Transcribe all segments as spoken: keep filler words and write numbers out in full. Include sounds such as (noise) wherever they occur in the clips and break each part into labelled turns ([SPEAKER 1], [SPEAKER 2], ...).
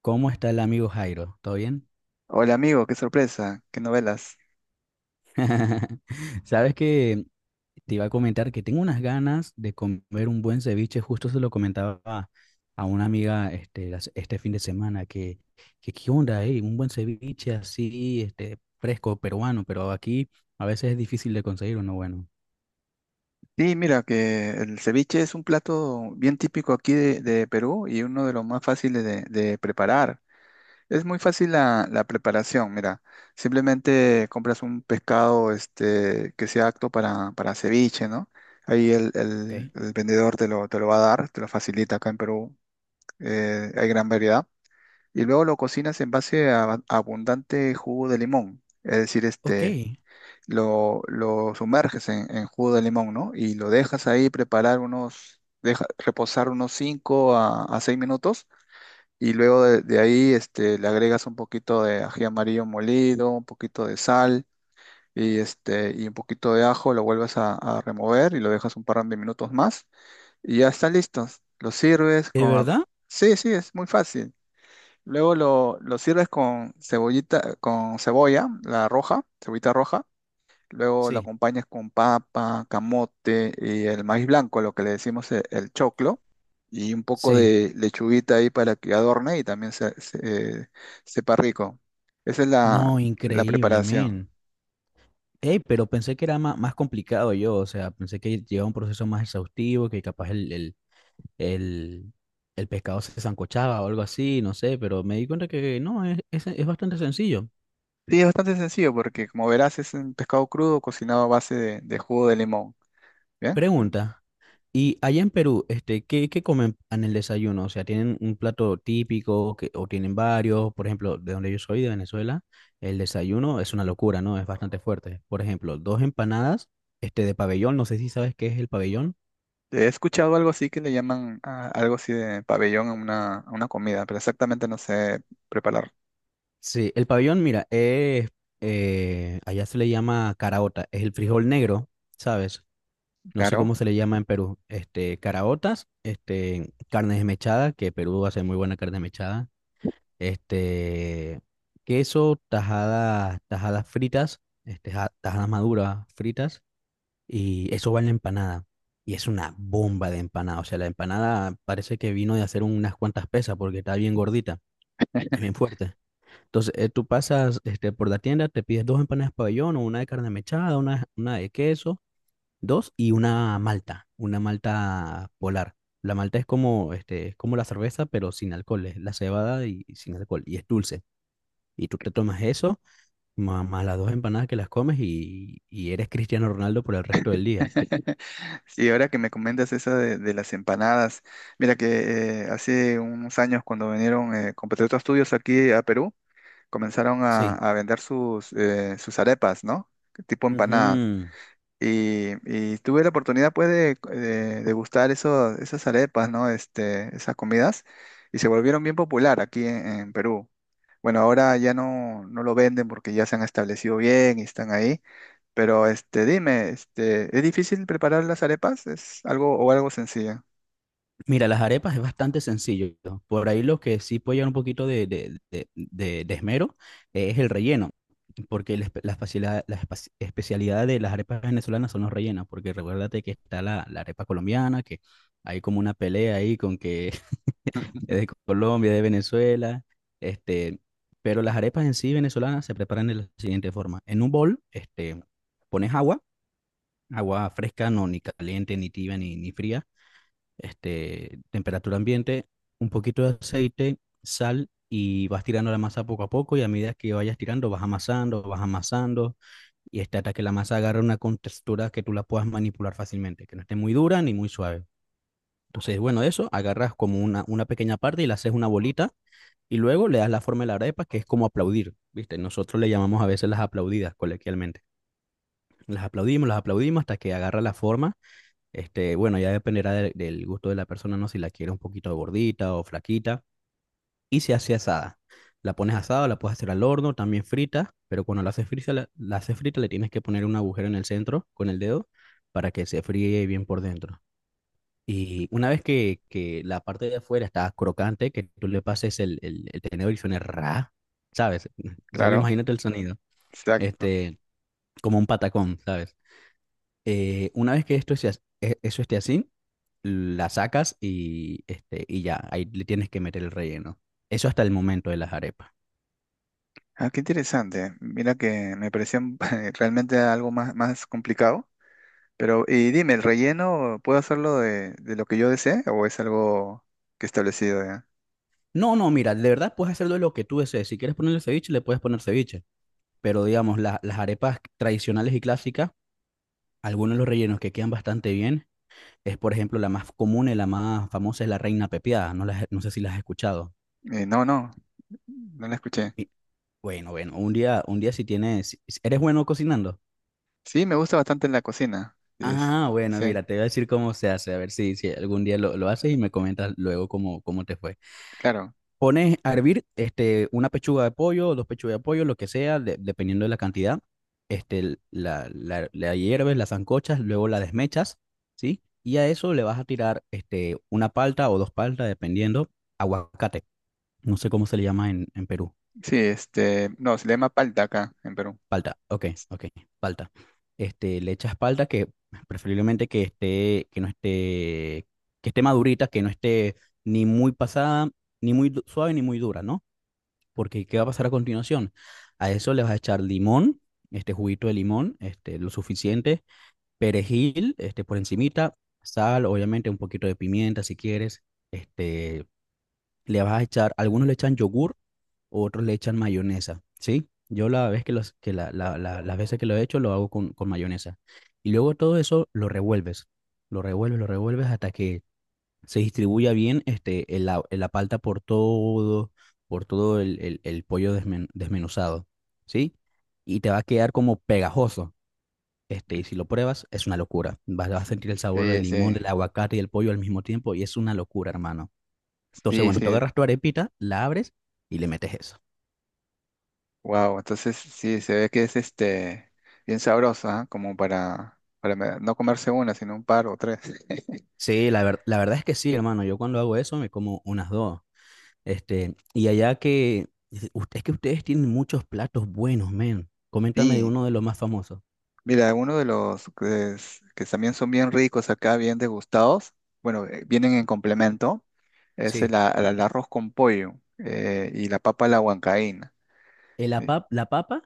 [SPEAKER 1] ¿Cómo está el amigo Jairo? ¿Todo bien?
[SPEAKER 2] Hola amigo, qué sorpresa, qué novelas.
[SPEAKER 1] (laughs) Sabes que te iba a comentar que tengo unas ganas de comer un buen ceviche. Justo se lo comentaba a a una amiga este, las- este fin de semana que, que qué onda, ¿eh? Un buen ceviche así, este, fresco, peruano, pero aquí a veces es difícil de conseguir uno bueno.
[SPEAKER 2] Sí, mira que el ceviche es un plato bien típico aquí de, de Perú y uno de los más fáciles de, de preparar. Es muy fácil la, la preparación, mira. Simplemente compras un pescado este, que sea apto para, para ceviche, ¿no? Ahí el,
[SPEAKER 1] Ok.
[SPEAKER 2] el- el vendedor te lo, te lo va a dar, te lo facilita acá en Perú. Eh, hay gran variedad. Y luego lo cocinas en base a abundante jugo de limón. Es decir,
[SPEAKER 1] Ok.
[SPEAKER 2] este lo, lo sumerges en, en jugo de limón, ¿no? Y lo dejas ahí preparar unos, deja, reposar unos cinco a, a seis minutos y luego de, de ahí este, le agregas un poquito de ají amarillo molido, un poquito de sal y, este, y un poquito de ajo, lo vuelves a, a remover y lo dejas un par de minutos más y ya está listo. Lo sirves
[SPEAKER 1] ¿De
[SPEAKER 2] con... a-
[SPEAKER 1] verdad?
[SPEAKER 2] Sí, sí, es muy fácil. Luego lo, lo sirves con cebollita, con cebolla, la roja, cebollita roja. Luego lo
[SPEAKER 1] Sí.
[SPEAKER 2] acompañas con papa, camote y el maíz blanco, lo que le decimos e- el, choclo, y un poco
[SPEAKER 1] Sí.
[SPEAKER 2] de lechuguita ahí para que adorne y también se, se- eh, sepa rico. Esa es la,
[SPEAKER 1] No,
[SPEAKER 2] la
[SPEAKER 1] increíble,
[SPEAKER 2] preparación.
[SPEAKER 1] men. Ey, pero pensé que era ma- más complicado yo, o sea, pensé que llevaba un proceso más exhaustivo, que capaz el, el- el, el pescado se sancochaba o algo así, no sé, pero me di cuenta que no, es, es, es bastante sencillo.
[SPEAKER 2] Sí, es bastante sencillo porque como verás es un pescado crudo cocinado a base de, de jugo de limón. ¿Bien?
[SPEAKER 1] Pregunta, ¿y allá en Perú, este, qué, qué comen en el desayuno? O sea, ¿tienen un plato típico que, o tienen varios? Por ejemplo, de donde yo soy, de Venezuela, el desayuno es una locura, ¿no? Es bastante fuerte. Por ejemplo, dos empanadas, este, de pabellón, no sé si sabes qué es el pabellón.
[SPEAKER 2] He escuchado algo así que le llaman a- algo así de pabellón a una, a una comida, pero exactamente no sé preparar.
[SPEAKER 1] Sí, el pabellón, mira, es, eh, allá se le llama caraota, es el frijol negro, ¿sabes? No sé
[SPEAKER 2] Claro.
[SPEAKER 1] cómo se le llama en Perú, este, caraotas, este, carne desmechada, que Perú hace muy buena carne desmechada, este, queso, tajadas, tajadas fritas, este, ja- tajadas maduras fritas, y eso va en la empanada. Y es una bomba de empanada, o sea, la empanada parece que vino de hacer unas cuantas pesas porque está bien gordita, está bien fuerte. Entonces, eh, tú pasas este, por la tienda, te pides dos empanadas pabellón o una de carne mechada, una, una de queso. Dos y una malta, una malta polar. La malta es como, este, es como la cerveza, pero sin alcohol, es la cebada y y sin alcohol, y es dulce. Y tú te tomas eso, ma- más las dos empanadas que las comes y, y eres Cristiano Ronaldo por el resto del día.
[SPEAKER 2] (laughs) Sí, ahora que me comentas esa de, de las empanadas, mira que eh, hace unos años cuando vinieron eh, compatriotas tuyos aquí a Perú, comenzaron a,
[SPEAKER 1] Sí.
[SPEAKER 2] a vender sus, eh, sus arepas, ¿no? Tipo empanadas.
[SPEAKER 1] Ujú.
[SPEAKER 2] Y, y tuve la oportunidad pues de, de degustar eso, esas arepas, ¿no? Este, esas comidas y se volvieron bien popular aquí en, en Perú. Bueno, ahora ya no, no lo venden porque ya se han establecido bien y están ahí, pero este, dime, este, ¿es difícil preparar las arepas? ¿Es algo o algo sencillo?
[SPEAKER 1] Mira, las arepas es bastante sencillo. Por ahí lo que sí puede llevar un poquito de, de- de- de- de esmero eh, es el relleno, porque la, espe- la facilidad- la espa- especialidad de las arepas venezolanas son los rellenos, porque recuérdate que está la, la arepa colombiana, que hay como una pelea ahí con que (laughs) es de Colombia, de Venezuela, este, pero las arepas en sí venezolanas se preparan de la siguiente forma. En un bol, este, pones agua, agua fresca, no ni caliente, ni tibia, ni, ni fría, este, temperatura ambiente, un poquito de aceite, sal y vas tirando la masa poco a poco y a medida que vayas tirando vas amasando, vas amasando y este, hasta que la masa agarre una contextura que tú la puedas manipular fácilmente, que no esté muy dura ni muy suave. Entonces, bueno, eso, agarras como una, una pequeña parte y la haces una bolita y luego le das la forma de la arepa, que es como aplaudir, ¿viste? Nosotros le llamamos a veces las aplaudidas coloquialmente. Las aplaudimos, las aplaudimos hasta que agarra la forma, este, bueno, ya dependerá de- del gusto de la persona, ¿no? Si la quiere un poquito gordita o flaquita. Y se hace asada. La pones asada, la puedes hacer al horno, también frita, pero cuando la haces frita, la, la haces frita, le tienes que poner un agujero en el centro con el dedo para que se fríe bien por dentro. Y una vez que, que la parte de afuera está crocante, que tú le pases el, el, el tenedor y suene ra, ¿sabes? (laughs) Y solo
[SPEAKER 2] Claro,
[SPEAKER 1] imagínate el sonido,
[SPEAKER 2] exacto.
[SPEAKER 1] este, como un patacón, ¿sabes? Eh, una vez que esto esté, as- e- eso esté así, la sacas y, este, y ya, ahí le tienes que meter el relleno. Eso hasta el momento de las arepas.
[SPEAKER 2] Ah, qué interesante. Mira que me pareció (laughs) realmente algo más, más complicado. Pero, y dime, ¿el relleno puedo hacerlo de, de lo que yo desee o es algo que establecido ya?
[SPEAKER 1] No, no, mira, de verdad puedes hacerlo de lo que tú desees. Si quieres ponerle ceviche, le puedes poner ceviche. Pero digamos, la- las arepas tradicionales y clásicas, algunos de los rellenos que quedan bastante bien es, por ejemplo, la más común y la más famosa es la reina pepiada. No, las- no sé si las has escuchado.
[SPEAKER 2] Eh, no, no, no la escuché.
[SPEAKER 1] Y bueno, bueno, un día, un día si tienes, si- si ¿eres bueno cocinando?
[SPEAKER 2] Sí, me gusta bastante en la cocina. Sí. Es-
[SPEAKER 1] Ah, bueno,
[SPEAKER 2] sí,
[SPEAKER 1] mira, te voy a decir cómo se hace, a ver si, si algún día lo, lo haces y me comentas luego cómo, cómo te fue.
[SPEAKER 2] claro.
[SPEAKER 1] Pones a hervir este, una pechuga de pollo, dos pechugas de pollo, lo que sea, de- dependiendo de la cantidad. Este, l- la, la, la hierves, la sancochas, luego la desmechas, ¿sí? Y a eso le vas a tirar este, una palta o dos paltas, dependiendo, aguacate. No sé cómo se le llama en, en Perú.
[SPEAKER 2] Sí, este, no, se le llama palta acá en Perú.
[SPEAKER 1] Palta, ok, ok, palta. Este, le echas palta que preferiblemente que esté, que no esté, que esté madurita, que no esté ni muy pasada, ni muy du- suave, ni muy dura, ¿no? Porque ¿qué va a pasar a continuación? A eso le vas a echar limón, este juguito de limón, este, lo suficiente, perejil, este, por encimita, sal, obviamente un poquito de pimienta si quieres, este, le vas a echar, algunos le echan yogur, o otros le echan mayonesa, ¿sí? Yo la vez que los, que la, la- la- las veces que lo he hecho lo hago con, con mayonesa. Y luego todo eso lo revuelves, lo revuelves, lo revuelves hasta que se distribuya bien este, el la, la palta por todo, por todo el, el- el pollo desmen- desmenuzado, ¿sí? Y te va a quedar como pegajoso. Este, y si lo pruebas, es una locura. Vas, vas a sentir el sabor del
[SPEAKER 2] Sí,
[SPEAKER 1] limón,
[SPEAKER 2] sí.
[SPEAKER 1] del aguacate y del pollo al mismo tiempo, y es una locura, hermano. Entonces,
[SPEAKER 2] Sí,
[SPEAKER 1] bueno, tú
[SPEAKER 2] sí.
[SPEAKER 1] agarras tu arepita, la abres y le metes eso.
[SPEAKER 2] Wow, entonces sí, se ve que es este bien sabrosa, ¿ah? Como para, para me- no comerse una, sino un par o tres.
[SPEAKER 1] Sí, la ver- la verdad es que sí, hermano. Yo cuando hago eso me como unas dos. Este, y allá que, usted, es que ustedes tienen muchos platos buenos, men. Coméntame de
[SPEAKER 2] Sí,
[SPEAKER 1] uno de los más famosos.
[SPEAKER 2] mira, uno de los que, es- que también son bien ricos acá, bien degustados, bueno, eh, vienen en complemento, es
[SPEAKER 1] Sí.
[SPEAKER 2] el, a- el arroz con pollo eh, y la papa a la huancaína.
[SPEAKER 1] Eh, ¿La pap- la papa?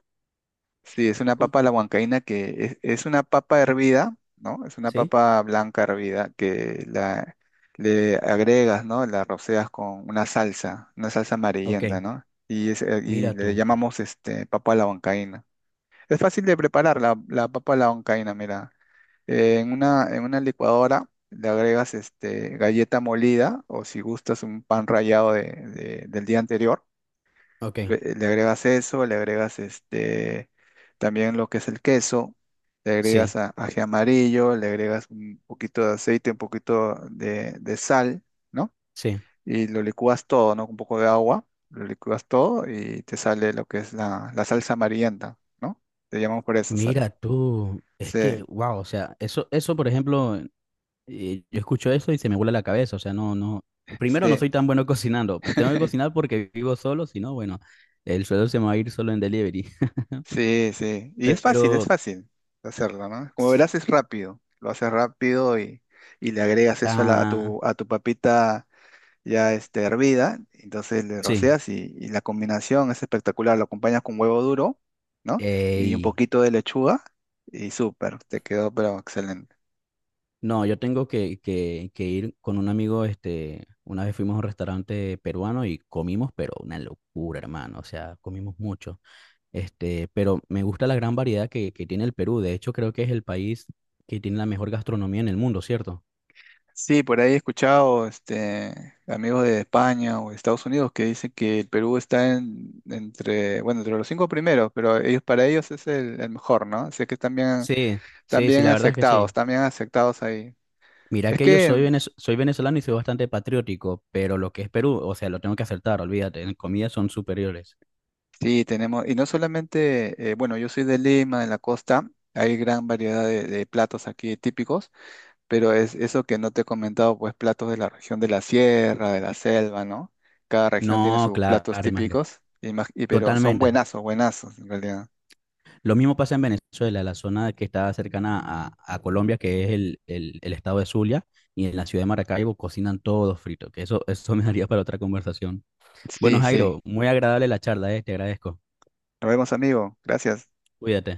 [SPEAKER 2] Sí, es una
[SPEAKER 1] ¿Cómo?
[SPEAKER 2] papa a la huancaína que es, es una papa hervida, ¿no? Es una
[SPEAKER 1] Sí.
[SPEAKER 2] papa blanca hervida que la, le agregas, ¿no? La roceas con una salsa, una salsa
[SPEAKER 1] Ok.
[SPEAKER 2] amarillenta, ¿no? Y, es, eh, y
[SPEAKER 1] Mira
[SPEAKER 2] le
[SPEAKER 1] tú.
[SPEAKER 2] llamamos este, papa a la huancaína. Es fácil de preparar la, la papa a la huancaína, mira. Eh, en una, en una licuadora le agregas este, galleta molida o si gustas un pan rallado de- de- del día anterior.
[SPEAKER 1] Ok.
[SPEAKER 2] Le le agregas eso, le agregas este, también lo que es el queso, le agregas
[SPEAKER 1] Sí,
[SPEAKER 2] a- ají amarillo, le agregas un poquito de aceite, un poquito de, de sal, ¿no?
[SPEAKER 1] sí.
[SPEAKER 2] Y lo licúas todo, ¿no? Con un poco de agua, lo licúas todo y te sale lo que es la, la salsa amarillenta, ¿no? Te llamamos por eso. sa-
[SPEAKER 1] Mira tú. Es que,
[SPEAKER 2] Sí,
[SPEAKER 1] wow, o sea, eso, eso, por ejemplo, eh, yo escucho eso y se me vuela la cabeza. O sea, no, no. Primero, no
[SPEAKER 2] sí.
[SPEAKER 1] soy tan bueno (laughs) cocinando. Tengo que cocinar
[SPEAKER 2] (laughs)
[SPEAKER 1] porque vivo solo, si no, bueno, el sueldo se me va a ir solo en delivery.
[SPEAKER 2] Sí, sí. Y es fácil, es
[SPEAKER 1] Pero,
[SPEAKER 2] fácil hacerlo, ¿no? Como verás, es rápido. Lo haces rápido y, y le agregas eso a, la- a
[SPEAKER 1] ah,
[SPEAKER 2] tu, a tu papita ya este, hervida, entonces le
[SPEAKER 1] sí.
[SPEAKER 2] roceas y, y la combinación es espectacular, lo acompañas con huevo duro, ¿no? Y un
[SPEAKER 1] Ey,
[SPEAKER 2] poquito de lechuga y súper, te quedó pero excelente.
[SPEAKER 1] no, yo tengo que, que, que ir con un amigo, este, una vez fuimos a un restaurante peruano y comimos, pero una locura, hermano, o sea, comimos mucho. Este, pero me gusta la gran variedad que, que tiene el Perú, de hecho creo que es el país que tiene la mejor gastronomía en el mundo, ¿cierto?
[SPEAKER 2] Sí, por ahí he escuchado este, amigos de España o de Estados Unidos que dicen que el Perú está en, entre, bueno, entre los cinco primeros, pero ellos, para ellos es el, el mejor, ¿no? Así que están bien,
[SPEAKER 1] Sí,
[SPEAKER 2] están
[SPEAKER 1] sí, sí,
[SPEAKER 2] bien
[SPEAKER 1] la verdad es que
[SPEAKER 2] aceptados,
[SPEAKER 1] sí.
[SPEAKER 2] están bien aceptados ahí.
[SPEAKER 1] Mira
[SPEAKER 2] Es
[SPEAKER 1] que yo
[SPEAKER 2] que
[SPEAKER 1] soy, venez- soy venezolano y soy bastante patriótico, pero lo que es Perú, o sea, lo tengo que acertar, olvídate, en comida son superiores.
[SPEAKER 2] sí, tenemos, y no solamente, eh, bueno, yo soy de Lima, en la costa, hay gran variedad de, de platos aquí típicos, pero es eso que no te he comentado, pues platos de la región de la sierra, de la selva, ¿no? Cada región tiene
[SPEAKER 1] No,
[SPEAKER 2] sus
[SPEAKER 1] claro,
[SPEAKER 2] platos
[SPEAKER 1] imagínate.
[SPEAKER 2] típicos, y, más- y- pero son
[SPEAKER 1] Totalmente.
[SPEAKER 2] buenazos, buenazos en realidad.
[SPEAKER 1] Lo mismo pasa en Venezuela, la zona que está cercana a, a Colombia, que es el, el- el estado de Zulia, y en la ciudad de Maracaibo cocinan todos frito. Que eso, eso (laughs) me daría para otra conversación. Bueno,
[SPEAKER 2] Sí, sí.
[SPEAKER 1] Jairo, muy agradable la charla, eh, te agradezco.
[SPEAKER 2] Nos vemos, amigo. Gracias.
[SPEAKER 1] Cuídate.